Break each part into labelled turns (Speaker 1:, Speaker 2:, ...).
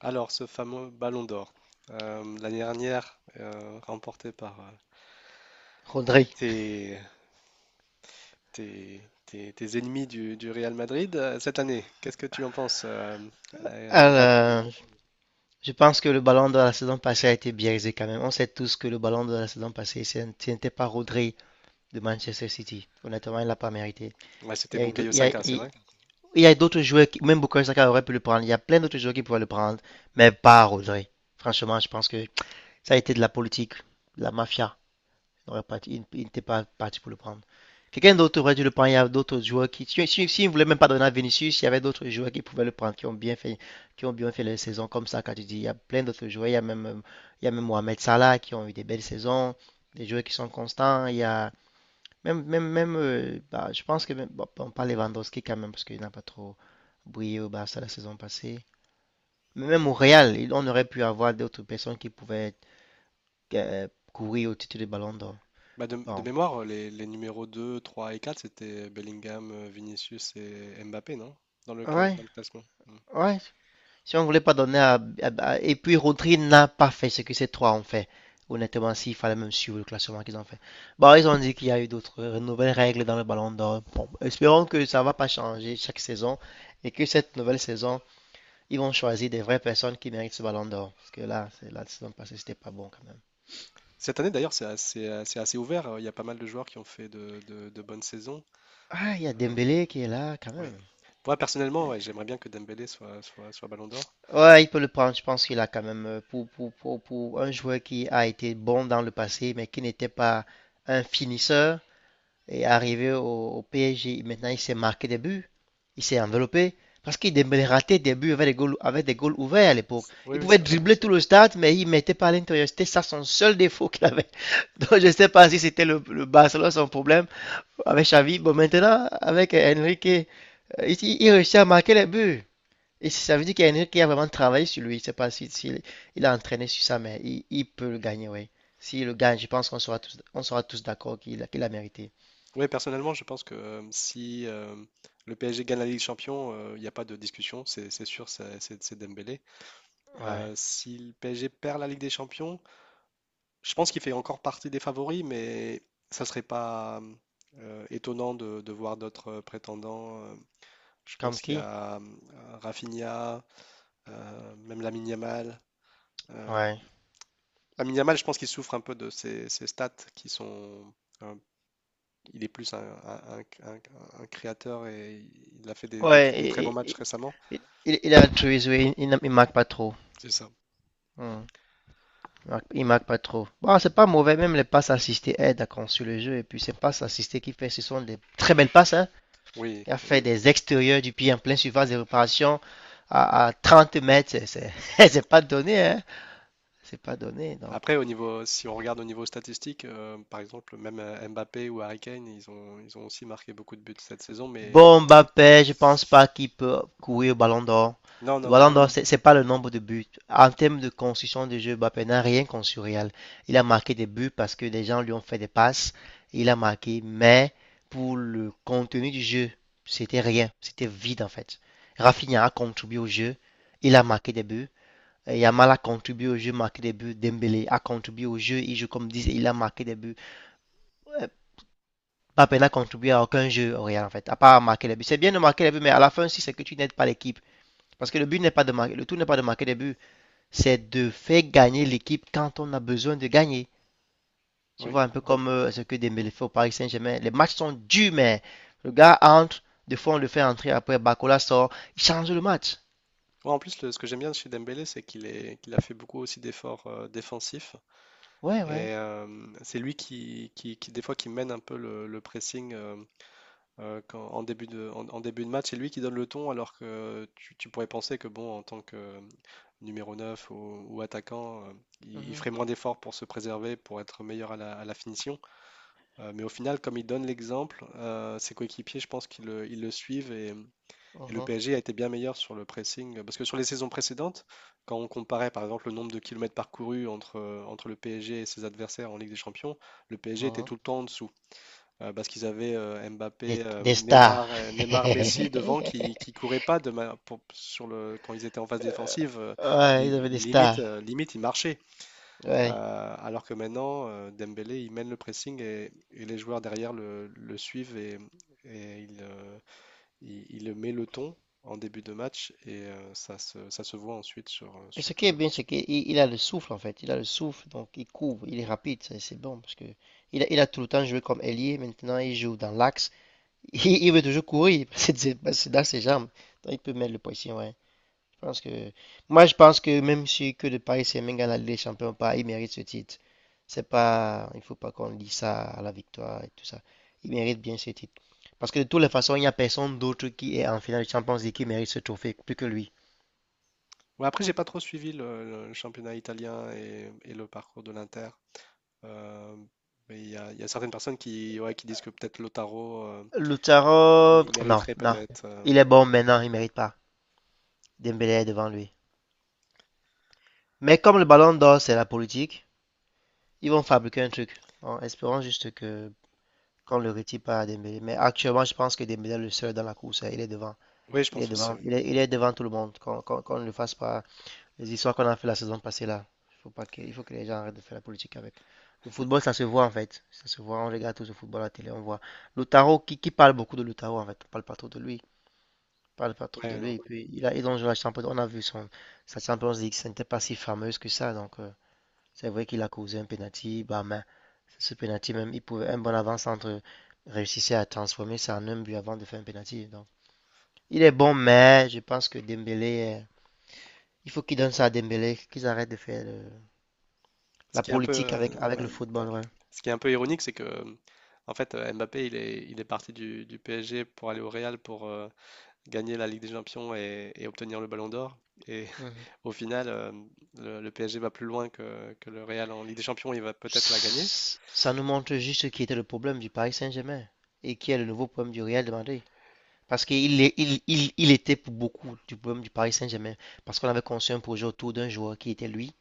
Speaker 1: Alors, ce fameux Ballon d'Or, l'année dernière, remporté par
Speaker 2: Rodri.
Speaker 1: tes, tes ennemis du Real Madrid, cette année, qu'est-ce que tu en penses la bataille?
Speaker 2: Alors, je pense que le ballon de la saison passée a été biaisé quand même. On sait tous que le ballon de la saison passée, ce n'était pas Rodri de Manchester City. Honnêtement, il ne l'a pas mérité.
Speaker 1: Ouais,
Speaker 2: Il
Speaker 1: c'était
Speaker 2: y a,
Speaker 1: Bukayo
Speaker 2: il y a-
Speaker 1: Saka, c'est
Speaker 2: il-
Speaker 1: vrai?
Speaker 2: il y a d'autres joueurs, qui, même Bukayo Saka aurait pu le prendre. Il y a plein d'autres joueurs qui pouvaient le prendre, mais pas Rodri. Franchement, je pense que ça a été de la politique, de la mafia. N'aurait pas- Il n'était pas parti pour le prendre. Quelqu'un d'autre aurait dû le prendre. Il y a d'autres joueurs qui. Si il ne voulait même pas donner à Vinicius, il y avait d'autres joueurs qui pouvaient le prendre, qui ont bien fait les saisons comme ça. Quand tu dis, il y a plein d'autres joueurs. Il y a même, il y a même Mohamed Salah qui ont eu des belles saisons, des joueurs qui sont constants. Il y a même bah, je pense que même, bon, on parle Lewandowski quand même parce qu'il n'a pas trop brillé au Barça la saison passée. Mais même au Real, on aurait pu avoir d'autres personnes qui pouvaient euh, courir au titre de Ballon d'Or.
Speaker 1: Bah, de
Speaker 2: Bon,
Speaker 1: mémoire, les numéros 2 3 et 4 c'était Bellingham, Vinicius et Mbappé, non? Dans le
Speaker 2: ouais.
Speaker 1: dans le classement. Hmm.
Speaker 2: Ouais, si on voulait pas donner à- Et puis Rodri n'a pas fait ce que ces trois ont fait. Honnêtement, s'il fallait même suivre le classement qu'ils ont fait. Bon, ils ont dit qu'il y a eu d'autres nouvelles règles dans le ballon d'or. Bon, espérons que ça va pas changer chaque saison et que cette nouvelle saison, ils vont choisir des vraies personnes qui méritent ce ballon d'or. Parce que là, c'est la saison passée, c'était pas bon quand même.
Speaker 1: Cette année d'ailleurs, c'est assez ouvert, il y a pas mal de joueurs qui ont fait de bonnes saisons.
Speaker 2: Ah, il y a
Speaker 1: Hem,
Speaker 2: Dembélé qui est là quand
Speaker 1: ouais.
Speaker 2: même.
Speaker 1: Moi personnellement, ouais, j'aimerais bien que Dembélé soit Ballon d'or.
Speaker 2: Ouais, il peut le prendre. Je pense qu'il a quand même pour un joueur qui a été bon dans le passé, mais qui n'était pas un finisseur. Est arrivé au PSG. Maintenant, il s'est marqué des buts. Il s'est enveloppé. Parce qu'il Dembélé ratait des buts avec des goals ouverts à l'époque.
Speaker 1: C oui,
Speaker 2: Il
Speaker 1: oui,
Speaker 2: pouvait
Speaker 1: c'est vrai.
Speaker 2: dribbler tout le stade, mais il ne mettait pas à l'intérieur. C'était ça son seul défaut qu'il avait. Donc je ne sais pas si c'était le Barcelone son problème avec Xavi. Bon, maintenant, avec Enrique, il réussit à marquer les buts. Et ça veut dire qu'Enrique a vraiment travaillé sur lui. Je ne sais pas s'il si, si il a entraîné sur ça, mais il peut le gagner, oui. S'il le gagne, je pense qu'on sera tous d'accord qu'il qu a mérité.
Speaker 1: Oui, personnellement, je pense que, hem, si, hem, le PSG gagne la Ligue des champions, il y a pas de discussion, c'est sûr, c'est Dembélé.
Speaker 2: Ouais.
Speaker 1: Si le PSG perd la Ligue des champions, je pense qu'il fait encore partie des favoris, mais ça serait pas, étonnant de voir d'autres, prétendants, hem. Je
Speaker 2: Comme
Speaker 1: pense qu'il y
Speaker 2: qui?
Speaker 1: a, Rafinha, même la Yamal. Euh,
Speaker 2: Ouais.
Speaker 1: Lamine Yamal, je pense qu'il souffre un peu de ses stats qui sont. euh, il est plus un un créateur et il a fait des très bons
Speaker 2: Ouais, il,
Speaker 1: matchs
Speaker 2: il,
Speaker 1: récemment.
Speaker 2: il- il a altruiste, oui, il marque pas trop.
Speaker 1: C'est ça.
Speaker 2: Hmm. Il marque pas trop. Bon, c'est pas mauvais, même les passes assistées aident à construire le jeu. Et puis, ces passes assistées qu'il fait, ce sont des très belles passes, hein.
Speaker 1: Oui,
Speaker 2: Il a
Speaker 1: oui.
Speaker 2: fait des extérieurs du pied en plein surface de réparation à 30 mètres. C'est pas donné, hein. C'est pas donné. Donc,
Speaker 1: Après, au niveau, si on regarde au niveau statistique, par exemple, même Mbappé ou Harry Kane, ils ont aussi marqué beaucoup de buts cette saison, mais
Speaker 2: bon, Mbappé, je pense pas qu'il peut courir au Ballon d'Or.
Speaker 1: non,
Speaker 2: Le
Speaker 1: non,
Speaker 2: Ballon
Speaker 1: non.
Speaker 2: d'Or, c'est pas le nombre de buts. En termes de construction de jeu, Mbappé n'a rien construit. Réel. Il a marqué des buts parce que des gens lui ont fait des passes. Il a marqué, mais pour le contenu du jeu, c'était rien. C'était vide en fait. Rafinha a contribué au jeu. Il a marqué des buts. Et Yamal a contribué au jeu, marqué des buts. Dembélé a contribué au jeu. Il joue comme disent, il a marqué des buts. Euh, Mbappé n'a contribué à aucun jeu au Real en fait, à part marquer les buts. C'est bien de marquer les buts, mais à la fin si c'est que tu n'aides pas l'équipe. Parce que le but n'est pas de marquer, le tout n'est pas de marquer des buts, c'est de faire gagner l'équipe quand on a besoin de gagner. Tu
Speaker 1: Oui.
Speaker 2: vois, un peu comme ce que Dembélé fait au Paris Saint-Germain. Les matchs sont durs, mais le gars entre, des fois on le fait entrer, après Bacola sort, il change le match.
Speaker 1: Ouais, en plus, ce que j'aime bien chez Dembélé, qu'il a fait beaucoup aussi d'efforts défensifs.
Speaker 2: Ouais, ouais.
Speaker 1: Et c'est lui qui, des fois, qui mène un peu le pressing en début en, en début de match. C'est lui qui donne le ton, alors que tu pourrais penser que, bon, en tant que numéro 9 ou attaquant, il
Speaker 2: Mhm,
Speaker 1: ferait moins d'efforts pour se préserver, pour être meilleur à à la finition. Mais au final, comme il donne l'exemple, ses coéquipiers, je pense qu'ils ils le suivent et le
Speaker 2: mhm,
Speaker 1: PSG a été bien meilleur sur le pressing. Euh, parce que sur les saisons précédentes, quand on comparait par exemple le nombre de kilomètres parcourus entre, entre le PSG et ses adversaires en Ligue des Champions, le PSG était
Speaker 2: mhm.
Speaker 1: tout le temps en dessous. Parce qu'ils avaient
Speaker 2: Des,
Speaker 1: Mbappé,
Speaker 2: des stars.
Speaker 1: Neymar, Messi devant qui couraient pas de ma- pour- sur le, quand ils étaient en phase défensive.
Speaker 2: Ouais, ils avaient des stars.
Speaker 1: Limite, ils marchaient.
Speaker 2: Ouais.
Speaker 1: Alors que maintenant, Dembélé, il mène le pressing et les joueurs derrière le suivent et ils, il met le ton en début de match et ça se voit ensuite sur,
Speaker 2: Et
Speaker 1: sur
Speaker 2: ce qui
Speaker 1: tout
Speaker 2: est
Speaker 1: le
Speaker 2: bien,
Speaker 1: match.
Speaker 2: c'est qu'il il a le souffle en fait. Il a le souffle, donc il couvre, il est rapide, ça, c'est bon parce que il a tout le temps joué comme ailier. Maintenant, il joue dans l'axe. Il veut toujours courir, c'est dans ses jambes. Donc, il peut mettre le poisson, ouais. Je pense que moi, je pense que même si que de Paris Saint-Germain gagne la Champions ou pas, il mérite ce titre. C'est pas, il faut pas qu'on dise ça à la victoire et tout ça. Il mérite bien ce titre. Parce que de toutes les façons, il n'y a personne d'autre qui est en finale de Champions League qui mérite ce trophée plus que lui.
Speaker 1: Ouais, après, j'ai pas trop suivi le championnat italien et le parcours de l'Inter. Euh, mais il y a certaines personnes qui, ouais, qui disent que peut-être Lautaro,
Speaker 2: Lautaro,
Speaker 1: il
Speaker 2: non,
Speaker 1: mériterait
Speaker 2: non.
Speaker 1: peut-être. Euh,
Speaker 2: Il est bon, maintenant, il mérite pas. Dembélé est devant lui. Mais comme le ballon d'or, c'est la politique, ils vont fabriquer un truc. En espérant juste que qu'on le retire pas à Dembélé. Mais actuellement, je pense que Dembélé est le seul dans la course. Hein. Il est devant.
Speaker 1: oui, je
Speaker 2: Il est
Speaker 1: pense aussi.
Speaker 2: devant.
Speaker 1: Oui.
Speaker 2: Il est devant tout le monde. Qu'on ne le fasse pas. Les histoires qu'on a fait la saison passée là. Faut pas que, il faut que les gens arrêtent de faire la politique avec. Le football, ça se voit en fait. Ça se voit. On regarde tous le football à la télé, on voit. Lautaro, qui parle beaucoup de Lautaro en fait. On parle pas trop de lui. Parle pas trop de
Speaker 1: Ouais,
Speaker 2: lui.
Speaker 1: non.
Speaker 2: Et puis, il donc, la peu, on a vu son, sa Champions League, ce n'était pas si fameuse que ça. Donc, c'est vrai qu'il a causé un penalty. Bah, mais ce penalty, même, il pouvait, un bon avant-centre réussissait à transformer ça en un but avant de faire un penalty. Donc, il est bon, mais je pense que Dembélé, il faut qu'il donne ça à Dembélé, qu'ils arrêtent de faire
Speaker 1: Ce
Speaker 2: la
Speaker 1: qui est un peu,
Speaker 2: politique avec
Speaker 1: ouais.
Speaker 2: le football. Ouais.
Speaker 1: Ce qui est un peu ironique, c'est que en fait, Mbappé, il est parti du PSG pour aller au Real pour gagner la Ligue des Champions et obtenir le Ballon d'Or. Et
Speaker 2: Mhm.
Speaker 1: au final, le PSG va plus loin que le Real en Ligue des Champions, il va peut-être la gagner.
Speaker 2: Ça nous montre juste ce qui était le problème du Paris Saint-Germain et qui est le nouveau problème du Real de Madrid. Parce qu'il est- il était pour beaucoup du problème du Paris Saint-Germain. Parce qu'on avait conçu un projet autour d'un joueur qui était lui.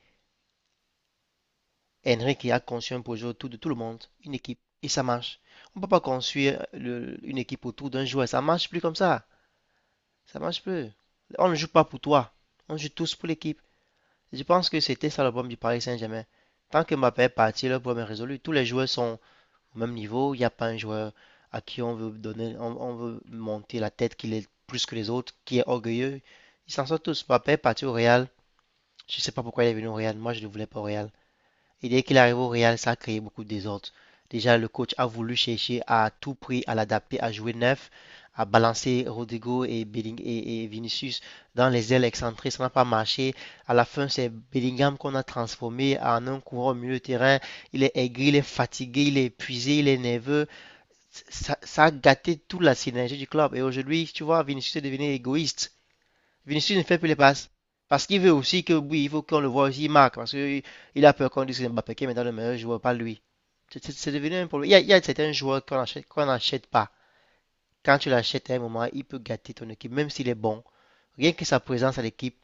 Speaker 2: Henrik a conçu un projet autour de tout le monde, une équipe. Et ça marche. On ne peut pas construire une équipe autour d'un joueur. Ça marche plus comme ça. Ça marche plus. On ne joue pas pour toi. On joue tous pour l'équipe. Je pense que c'était ça le problème du Paris Saint-Germain. Tant que Mbappé est parti, le problème est résolu. Tous les joueurs sont, au même niveau. Il n'y a pas un joueur à qui on veut donner, on veut monter la tête qu'il est plus que les autres, qui est orgueilleux. Ils s'en sortent tous. Mbappé est parti au Real. Je ne sais pas pourquoi il est venu au Real. Moi, je ne le voulais pas au Real. Et dès qu'il arrive au Real, ça a créé beaucoup de désordre. Déjà, le coach a voulu chercher à tout prix à l'adapter, à jouer neuf, à balancer Rodrigo et, Belling et Vinicius dans les ailes excentrées. Ça n'a pas marché. À la fin, c'est Bellingham qu'on a transformé en un coureur au milieu de terrain. Il est aigri, il est fatigué, il est épuisé, il est nerveux. Ça a gâté toute la synergie du club. Et aujourd'hui, tu vois, Vinicius est devenu égoïste. Vinicius ne fait plus les passes. Parce qu'il veut aussi que, oui, il faut qu'on le voit aussi, il marque. Parce qu'il a peur qu'on dise que Mbappé qui est maintenant le meilleur joueur, pas lui. C'est devenu un problème. Il y a certains joueurs qu'on n'achète pas. Quand tu l'achètes à un moment, il peut gâter ton équipe, même s'il est bon. Rien que sa présence à l'équipe,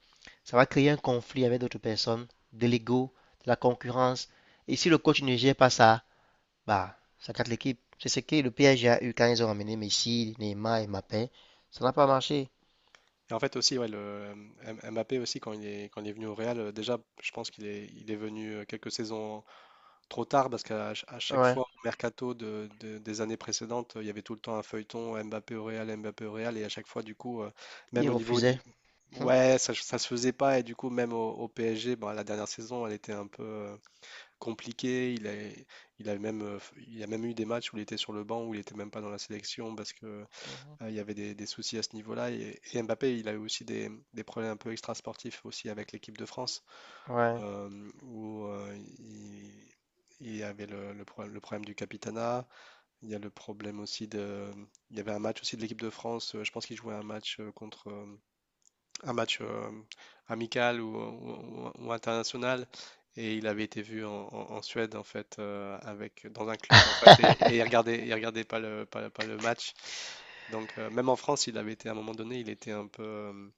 Speaker 2: ça va créer un conflit avec d'autres personnes, de l'ego, de la concurrence. Et si le coach ne gère pas ça, bah, ça gâte l'équipe. C'est ce que le PSG a eu quand ils ont ramené Messi, Neymar et Mbappé. Ça n'a pas marché.
Speaker 1: Et en fait aussi, ouais, le Mbappé aussi, quand il est venu au Real, déjà, je pense il est venu quelques saisons trop tard parce à chaque
Speaker 2: Ouais,
Speaker 1: fois, au mercato des années précédentes, il y avait tout le temps un feuilleton Mbappé au Real, et à chaque fois, du coup, même
Speaker 2: ils
Speaker 1: au niveau du...
Speaker 2: refusaient. Hum,
Speaker 1: Ouais, ça se faisait pas, et du coup, même au PSG, bon, la dernière saison, elle était un peu... compliqué. Il a même, il a même eu des matchs où il était sur le banc, où il était même pas dans la sélection parce que
Speaker 2: mhm.
Speaker 1: il y avait des soucis à ce niveau-là. Et Mbappé, il a eu aussi des problèmes un peu extrasportifs aussi avec l'équipe de France,
Speaker 2: Ouais.
Speaker 1: où il y avait le problème du capitanat. Il y a le problème aussi de, il y avait un match aussi de l'équipe de France. Euh, je pense qu'il jouait un match contre un match amical ou international. Et il avait été vu en Suède, en fait, avec, dans un club, en fait, et il regardait pas le match. Donc, même en France, il avait été, à un moment donné, il était un peu, euh,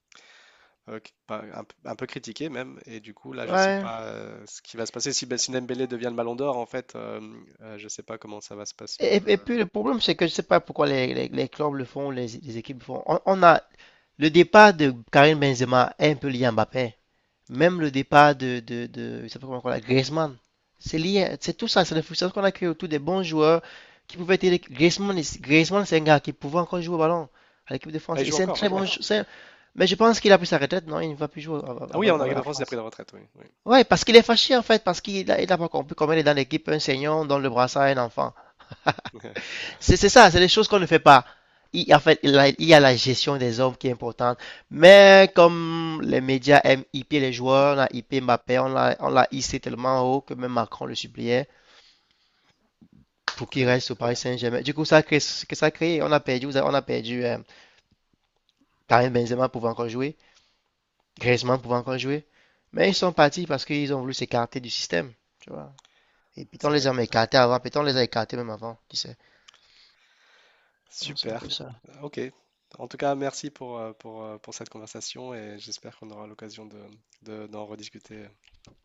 Speaker 1: euh, qui- pas- un, p- un peu critiqué, même. Et du coup, là, je sais
Speaker 2: Ouais.
Speaker 1: pas ce qui va se passer. Si, si Dembélé devient le Ballon d'Or, en fait, je sais pas comment ça va se passer.
Speaker 2: Et,
Speaker 1: Le-
Speaker 2: et- et puis le problème, c'est que je sais pas pourquoi les clubs le font, les équipes le font. On a le départ de Karim Benzema est un peu lié à Mbappé. Même le départ de il s'appelle comment encore Griezmann. C'est lié, c'est tout ça, c'est la frustration qu'on a créée autour des bons joueurs qui pouvaient être. Griezmann c'est un gars qui pouvait encore jouer au ballon à l'équipe de
Speaker 1: ah,
Speaker 2: France.
Speaker 1: il
Speaker 2: Et
Speaker 1: joue
Speaker 2: c'est un
Speaker 1: encore,
Speaker 2: très
Speaker 1: ouais.
Speaker 2: bon jou- Mais je pense qu'il a pris sa retraite, non? Il ne va plus jouer av-
Speaker 1: Ah oui, en
Speaker 2: avec
Speaker 1: équipe de
Speaker 2: la
Speaker 1: France, il a pris
Speaker 2: France.
Speaker 1: la retraite, oui. Oui.
Speaker 2: Ouais, parce qu'il est fâché en fait, parce qu'il a pas compris comment il est dans l'équipe, un senior, dans le brassard, un enfant. C'est ça, c'est les choses qu'on ne fait pas. En fait, la gestion des hommes qui est importante. Mais comme les médias aiment hyper les joueurs, on a hyper Mbappé, on l'a hissé tellement haut que même Macron le suppliait pour
Speaker 1: Très
Speaker 2: qu'il
Speaker 1: bien,
Speaker 2: reste au Paris Saint-Germain. Du coup, ça a créé, que ça a on a perdu Karim Benzema pouvait encore jouer, Griezmann pouvait encore jouer. Mais ils sont partis parce qu'ils ont voulu s'écarter du système, tu vois. Et puis on
Speaker 1: c'est
Speaker 2: les
Speaker 1: vrai.
Speaker 2: a écartés avant, puis on les a écartés même avant, tu sais. C'est un
Speaker 1: Super.
Speaker 2: peu ça.
Speaker 1: Ok. En tout cas, merci pour cette conversation et j'espère qu'on aura l'occasion de, d'en rediscuter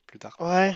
Speaker 1: plus tard.
Speaker 2: Ouais.